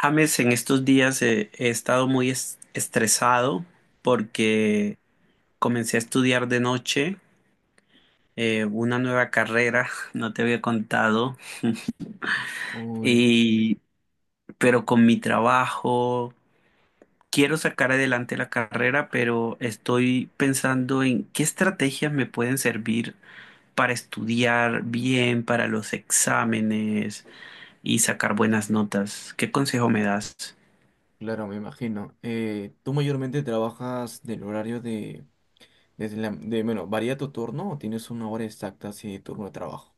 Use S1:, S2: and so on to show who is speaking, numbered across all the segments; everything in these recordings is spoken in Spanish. S1: James, en estos días he estado muy estresado porque comencé a estudiar de noche, una nueva carrera, no te había contado,
S2: Uy,
S1: y, pero con mi trabajo quiero sacar adelante la carrera, pero estoy pensando en qué estrategias me pueden servir para estudiar bien, para los exámenes y sacar buenas notas. ¿Qué consejo me das?
S2: claro, me imagino. ¿Tú mayormente trabajas del horario de, desde la, de, bueno, varía tu turno o tienes una hora exacta así de turno de trabajo?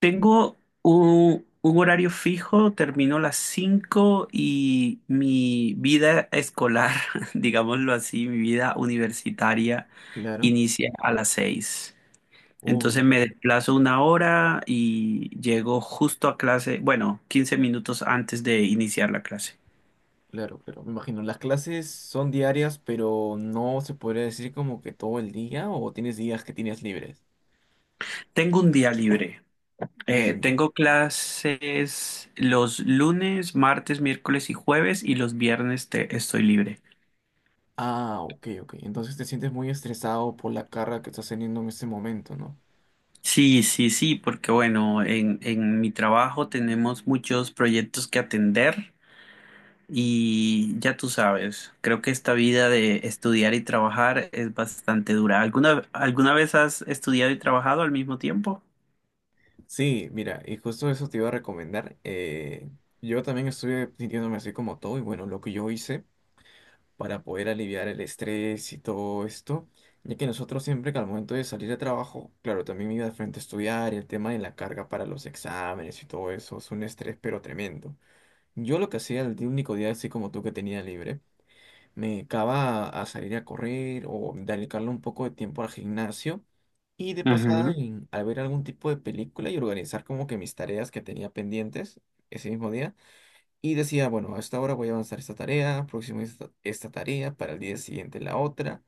S1: Tengo un horario fijo, termino a las 5 y mi vida escolar, digámoslo así, mi vida universitaria
S2: Claro.
S1: inicia a las 6. Entonces
S2: Uy,
S1: me desplazo una hora y llego justo a clase, bueno, 15 minutos antes de iniciar la clase.
S2: claro, claro, me imagino. Las clases son diarias, pero no se podría decir como que todo el día o tienes días que tienes libres.
S1: Tengo un día libre. Eh,
S2: Mm,
S1: tengo clases los lunes, martes, miércoles y jueves y los viernes estoy libre.
S2: Ah, ok, ok. Entonces te sientes muy estresado por la carga que estás teniendo en este momento, ¿no?
S1: Sí, sí, sí, porque bueno, en mi trabajo tenemos muchos proyectos que atender y ya tú sabes, creo que esta vida de estudiar y trabajar es bastante dura. ¿Alguna vez has estudiado y trabajado al mismo tiempo?
S2: Sí, mira, y justo eso te iba a recomendar. Yo también estuve sintiéndome así como todo, y bueno, lo que yo hice para poder aliviar el estrés y todo esto, ya que nosotros siempre que al momento de salir de trabajo, claro, también me iba de frente a estudiar, y el tema de la carga para los exámenes y todo eso, es un estrés pero tremendo. Yo lo que hacía el único día así como tú que tenía libre. Me dedicaba a salir a correr o dedicarle un poco de tiempo al gimnasio y de pasada
S1: Ujú.
S2: al ver algún tipo de película y organizar como que mis tareas que tenía pendientes ese mismo día. Y decía, bueno, a esta hora voy a avanzar esta tarea, próximo esta, esta tarea, para el día siguiente la otra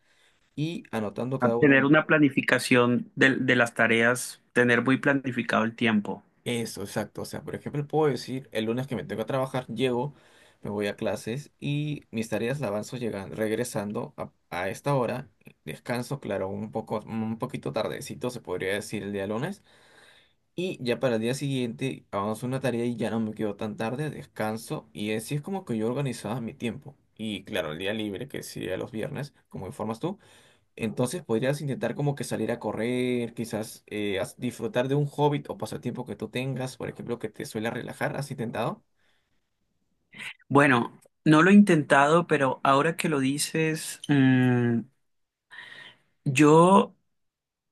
S2: y anotando
S1: A
S2: cada uno.
S1: tener una planificación de las tareas, tener muy planificado el tiempo.
S2: Eso, exacto. O sea, por ejemplo, puedo decir, el lunes que me tengo que trabajar, llego, me voy a clases y mis tareas las avanzo llegando, regresando a esta hora. Descanso, claro, un poco, un poquito tardecito, se podría decir el día lunes. Y ya para el día siguiente avanzo una tarea y ya no me quedo tan tarde, descanso. Y así es como que yo organizaba mi tiempo. Y claro, el día libre, que sería los viernes, como informas tú. Entonces podrías intentar como que salir a correr, quizás disfrutar de un hobby o pasatiempo que tú tengas, por ejemplo, que te suele relajar. ¿Has intentado?
S1: Bueno, no lo he intentado, pero ahora que lo dices, yo.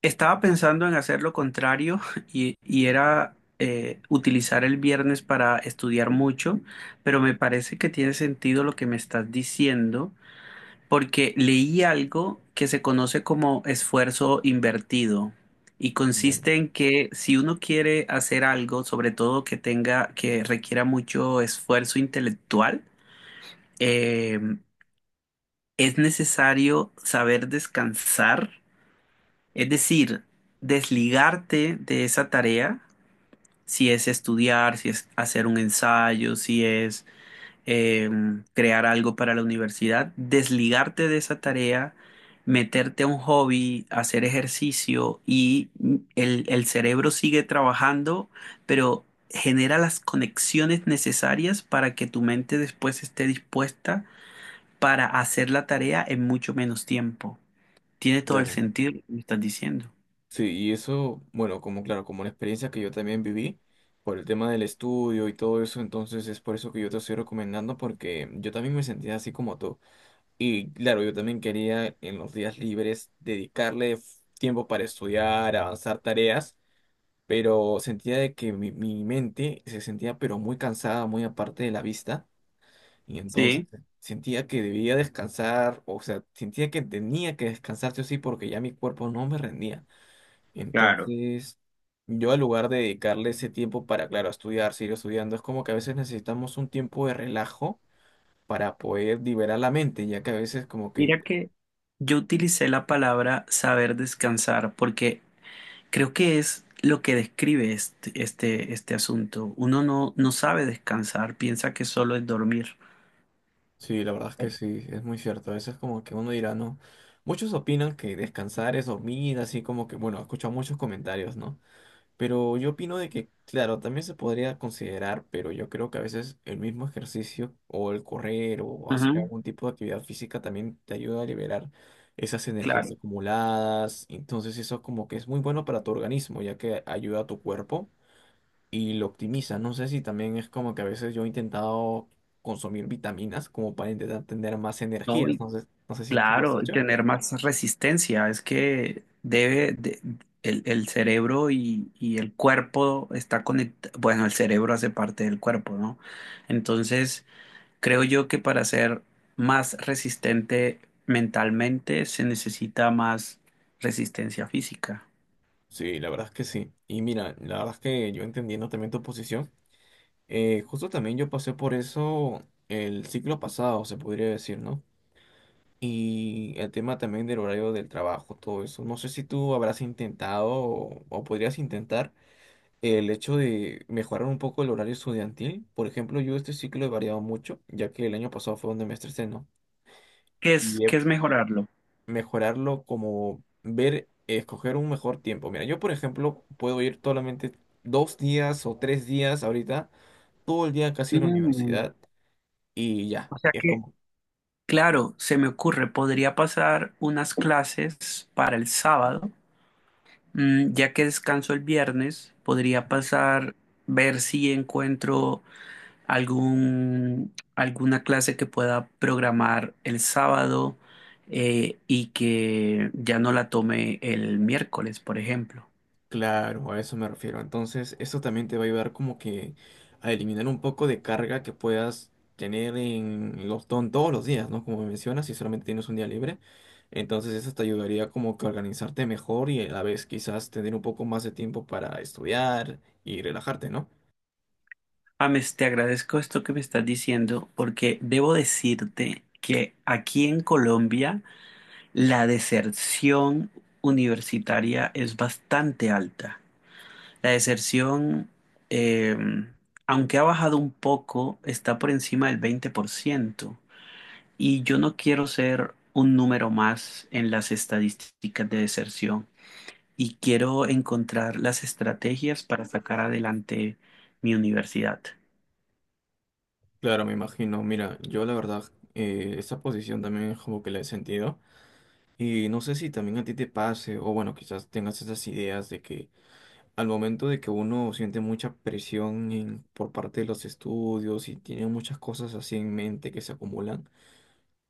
S1: Estaba pensando en hacer lo contrario y era utilizar el viernes para estudiar mucho, pero me parece que tiene sentido lo que me estás diciendo, porque leí algo que se conoce como esfuerzo invertido y
S2: Claro,
S1: consiste en que si uno quiere hacer algo, sobre todo que requiera mucho esfuerzo intelectual, eh, es necesario saber descansar, es decir, desligarte de esa tarea, si es estudiar, si es hacer un ensayo, si es eh, crear algo para la universidad, desligarte de esa tarea, meterte a un hobby, hacer ejercicio y el cerebro sigue trabajando, pero genera las conexiones necesarias para que tu mente después esté dispuesta para hacer la tarea en mucho menos tiempo. Tiene todo el
S2: claro.
S1: sentido lo que me estás diciendo.
S2: Sí, y eso, bueno, como claro, como una experiencia que yo también viví por el tema del estudio y todo eso, entonces es por eso que yo te estoy recomendando porque yo también me sentía así como tú. Y claro, yo también quería en los días libres dedicarle tiempo para estudiar, avanzar tareas. Pero sentía de que mi mente se sentía pero muy cansada, muy aparte de la vista, y entonces
S1: Sí.
S2: sentía que debía descansar, o sea, sentía que tenía que descansar sí o sí, porque ya mi cuerpo no me rendía.
S1: Claro.
S2: Entonces, yo al lugar de dedicarle ese tiempo para, claro, estudiar, seguir estudiando, es como que a veces necesitamos un tiempo de relajo para poder liberar la mente, ya que a veces como que
S1: Mira que yo utilicé la palabra saber descansar porque creo que es lo que describe este asunto. Uno no sabe descansar, piensa que solo es dormir.
S2: sí, la verdad es que sí, es muy cierto. A veces como que uno dirá, ¿no? Muchos opinan que descansar es dormir, así como que, bueno, he escuchado muchos comentarios, ¿no? Pero yo opino de que, claro, también se podría considerar, pero yo creo que a veces el mismo ejercicio o el correr o hacer
S1: Ujú,
S2: algún tipo de actividad física también te ayuda a liberar esas energías
S1: claro,
S2: acumuladas. Entonces eso como que es muy bueno para tu organismo, ya que ayuda a tu cuerpo y lo optimiza. No sé si también es como que a veces yo he intentado consumir vitaminas como para intentar tener más
S1: no,
S2: energías.
S1: y
S2: No sé, no sé si tú lo has
S1: claro, y
S2: hecho.
S1: tener más resistencia. Es que el cerebro y el cuerpo está conectado. Bueno, el cerebro hace parte del cuerpo, ¿no? Entonces, creo yo que para ser más resistente mentalmente se necesita más resistencia física.
S2: Sí, la verdad es que sí. Y mira, la verdad es que yo entendiendo también tu posición, justo también yo pasé por eso el ciclo pasado, se podría decir, ¿no? Y el tema también del horario del trabajo, todo eso. No sé si tú habrás intentado o podrías intentar el hecho de mejorar un poco el horario estudiantil. Por ejemplo, yo este ciclo he variado mucho, ya que el año pasado fue donde me estresé, ¿no?
S1: ¿Qué es,
S2: Y he-
S1: qué es mejorarlo?
S2: Mejorarlo como ver, escoger un mejor tiempo. Mira, yo por ejemplo puedo ir solamente dos días o tres días ahorita, todo el día casi en la
S1: Mm,
S2: universidad y ya.
S1: O sea
S2: Es
S1: que,
S2: como
S1: claro, se me ocurre, podría pasar unas clases para el sábado, ya que descanso el viernes, podría pasar, ver si encuentro alguna clase que pueda programar el sábado, y que ya no la tome el miércoles, por ejemplo.
S2: claro, a eso me refiero. Entonces, eso también te va a ayudar como que a eliminar un poco de carga que puedas tener en los todos los días, ¿no? Como mencionas, si solamente tienes un día libre. Entonces, eso te ayudaría como que a organizarte mejor y a la vez quizás tener un poco más de tiempo para estudiar y relajarte, ¿no?
S1: Ames, te agradezco esto que me estás diciendo porque debo decirte que aquí en Colombia la deserción universitaria es bastante alta. La deserción, eh, aunque ha bajado un poco, está por encima del 20%. Y yo no quiero ser un número más en las estadísticas de deserción y quiero encontrar las estrategias para sacar adelante mi universidad.
S2: Claro, me imagino. Mira, yo la verdad, esa posición también es como que la he sentido. Y no sé si también a ti te pase, o bueno, quizás tengas esas ideas de que al momento de que uno siente mucha presión por parte de los estudios y tiene muchas cosas así en mente que se acumulan,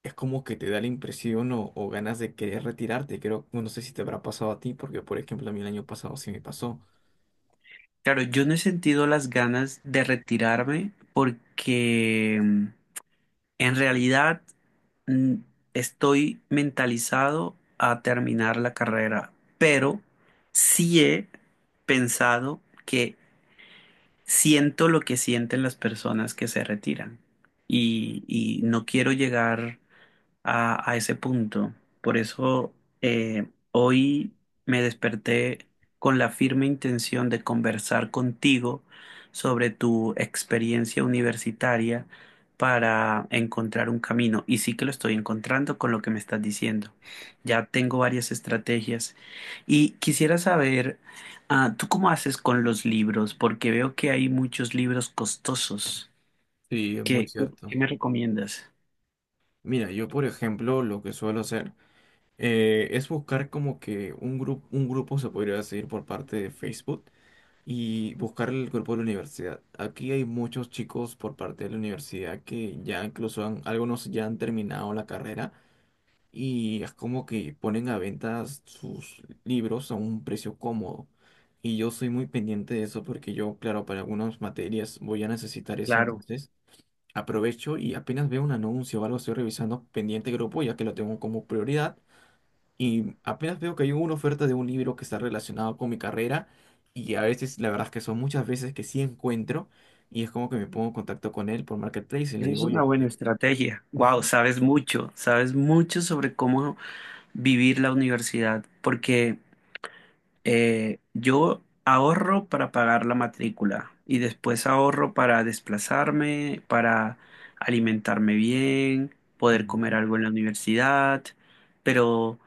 S2: es como que te da la impresión o ganas de querer retirarte. Creo, no sé si te habrá pasado a ti, porque por ejemplo a mí el año pasado sí me pasó.
S1: Claro, yo no he sentido las ganas de retirarme porque en realidad, mm, estoy mentalizado a terminar la carrera, pero sí he pensado que siento lo que sienten las personas que se retiran y no quiero llegar a ese punto. Por eso, hoy me desperté con la firme intención de conversar contigo sobre tu experiencia universitaria para encontrar un camino. Y sí que lo estoy encontrando con lo que me estás diciendo. Ya tengo varias estrategias y quisiera saber, ah, ¿tú cómo haces con los libros? Porque veo que hay muchos libros costosos.
S2: Sí, es muy
S1: ¿Qué,
S2: cierto.
S1: qué me recomiendas?
S2: Mira, yo por ejemplo lo que suelo hacer es buscar como que un grupo se podría decir por parte de Facebook y buscar el grupo de la universidad. Aquí hay muchos chicos por parte de la universidad que ya incluso han, algunos ya han terminado la carrera y es como que ponen a venta sus libros a un precio cómodo. Y yo soy muy pendiente de eso porque yo, claro, para algunas materias voy a necesitar eso,
S1: Claro.
S2: entonces aprovecho y apenas veo un anuncio o algo estoy revisando pendiente grupo ya que lo tengo como prioridad y apenas veo que hay una oferta de un libro que está relacionado con mi carrera y a veces, la verdad es que son muchas veces que sí encuentro y es como que me pongo en contacto con él por Marketplace y le
S1: Esa es
S2: digo,
S1: una
S2: oye,
S1: buena
S2: le-
S1: estrategia. Wow,
S2: Ujú.
S1: sabes mucho sobre cómo vivir la universidad, porque yo ahorro para pagar la matrícula y después ahorro para desplazarme, para alimentarme bien,
S2: Y
S1: poder
S2: no,
S1: comer algo en la universidad, pero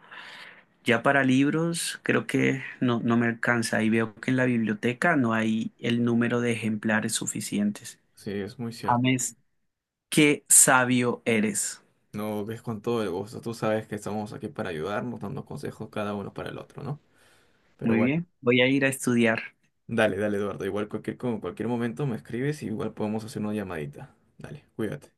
S1: ya para libros creo que no me alcanza y veo que en la biblioteca no hay el número de ejemplares suficientes.
S2: sí, es muy cierto.
S1: James, qué sabio eres.
S2: No, es con todo el gusto. Tú sabes que estamos aquí para ayudarnos, dando consejos cada uno para el otro, ¿no? Pero
S1: Muy
S2: bueno,
S1: bien, voy a ir a estudiar.
S2: dale, dale, Eduardo. Igual cualquier, con cualquier momento me escribes y igual podemos hacer una llamadita. Dale, cuídate.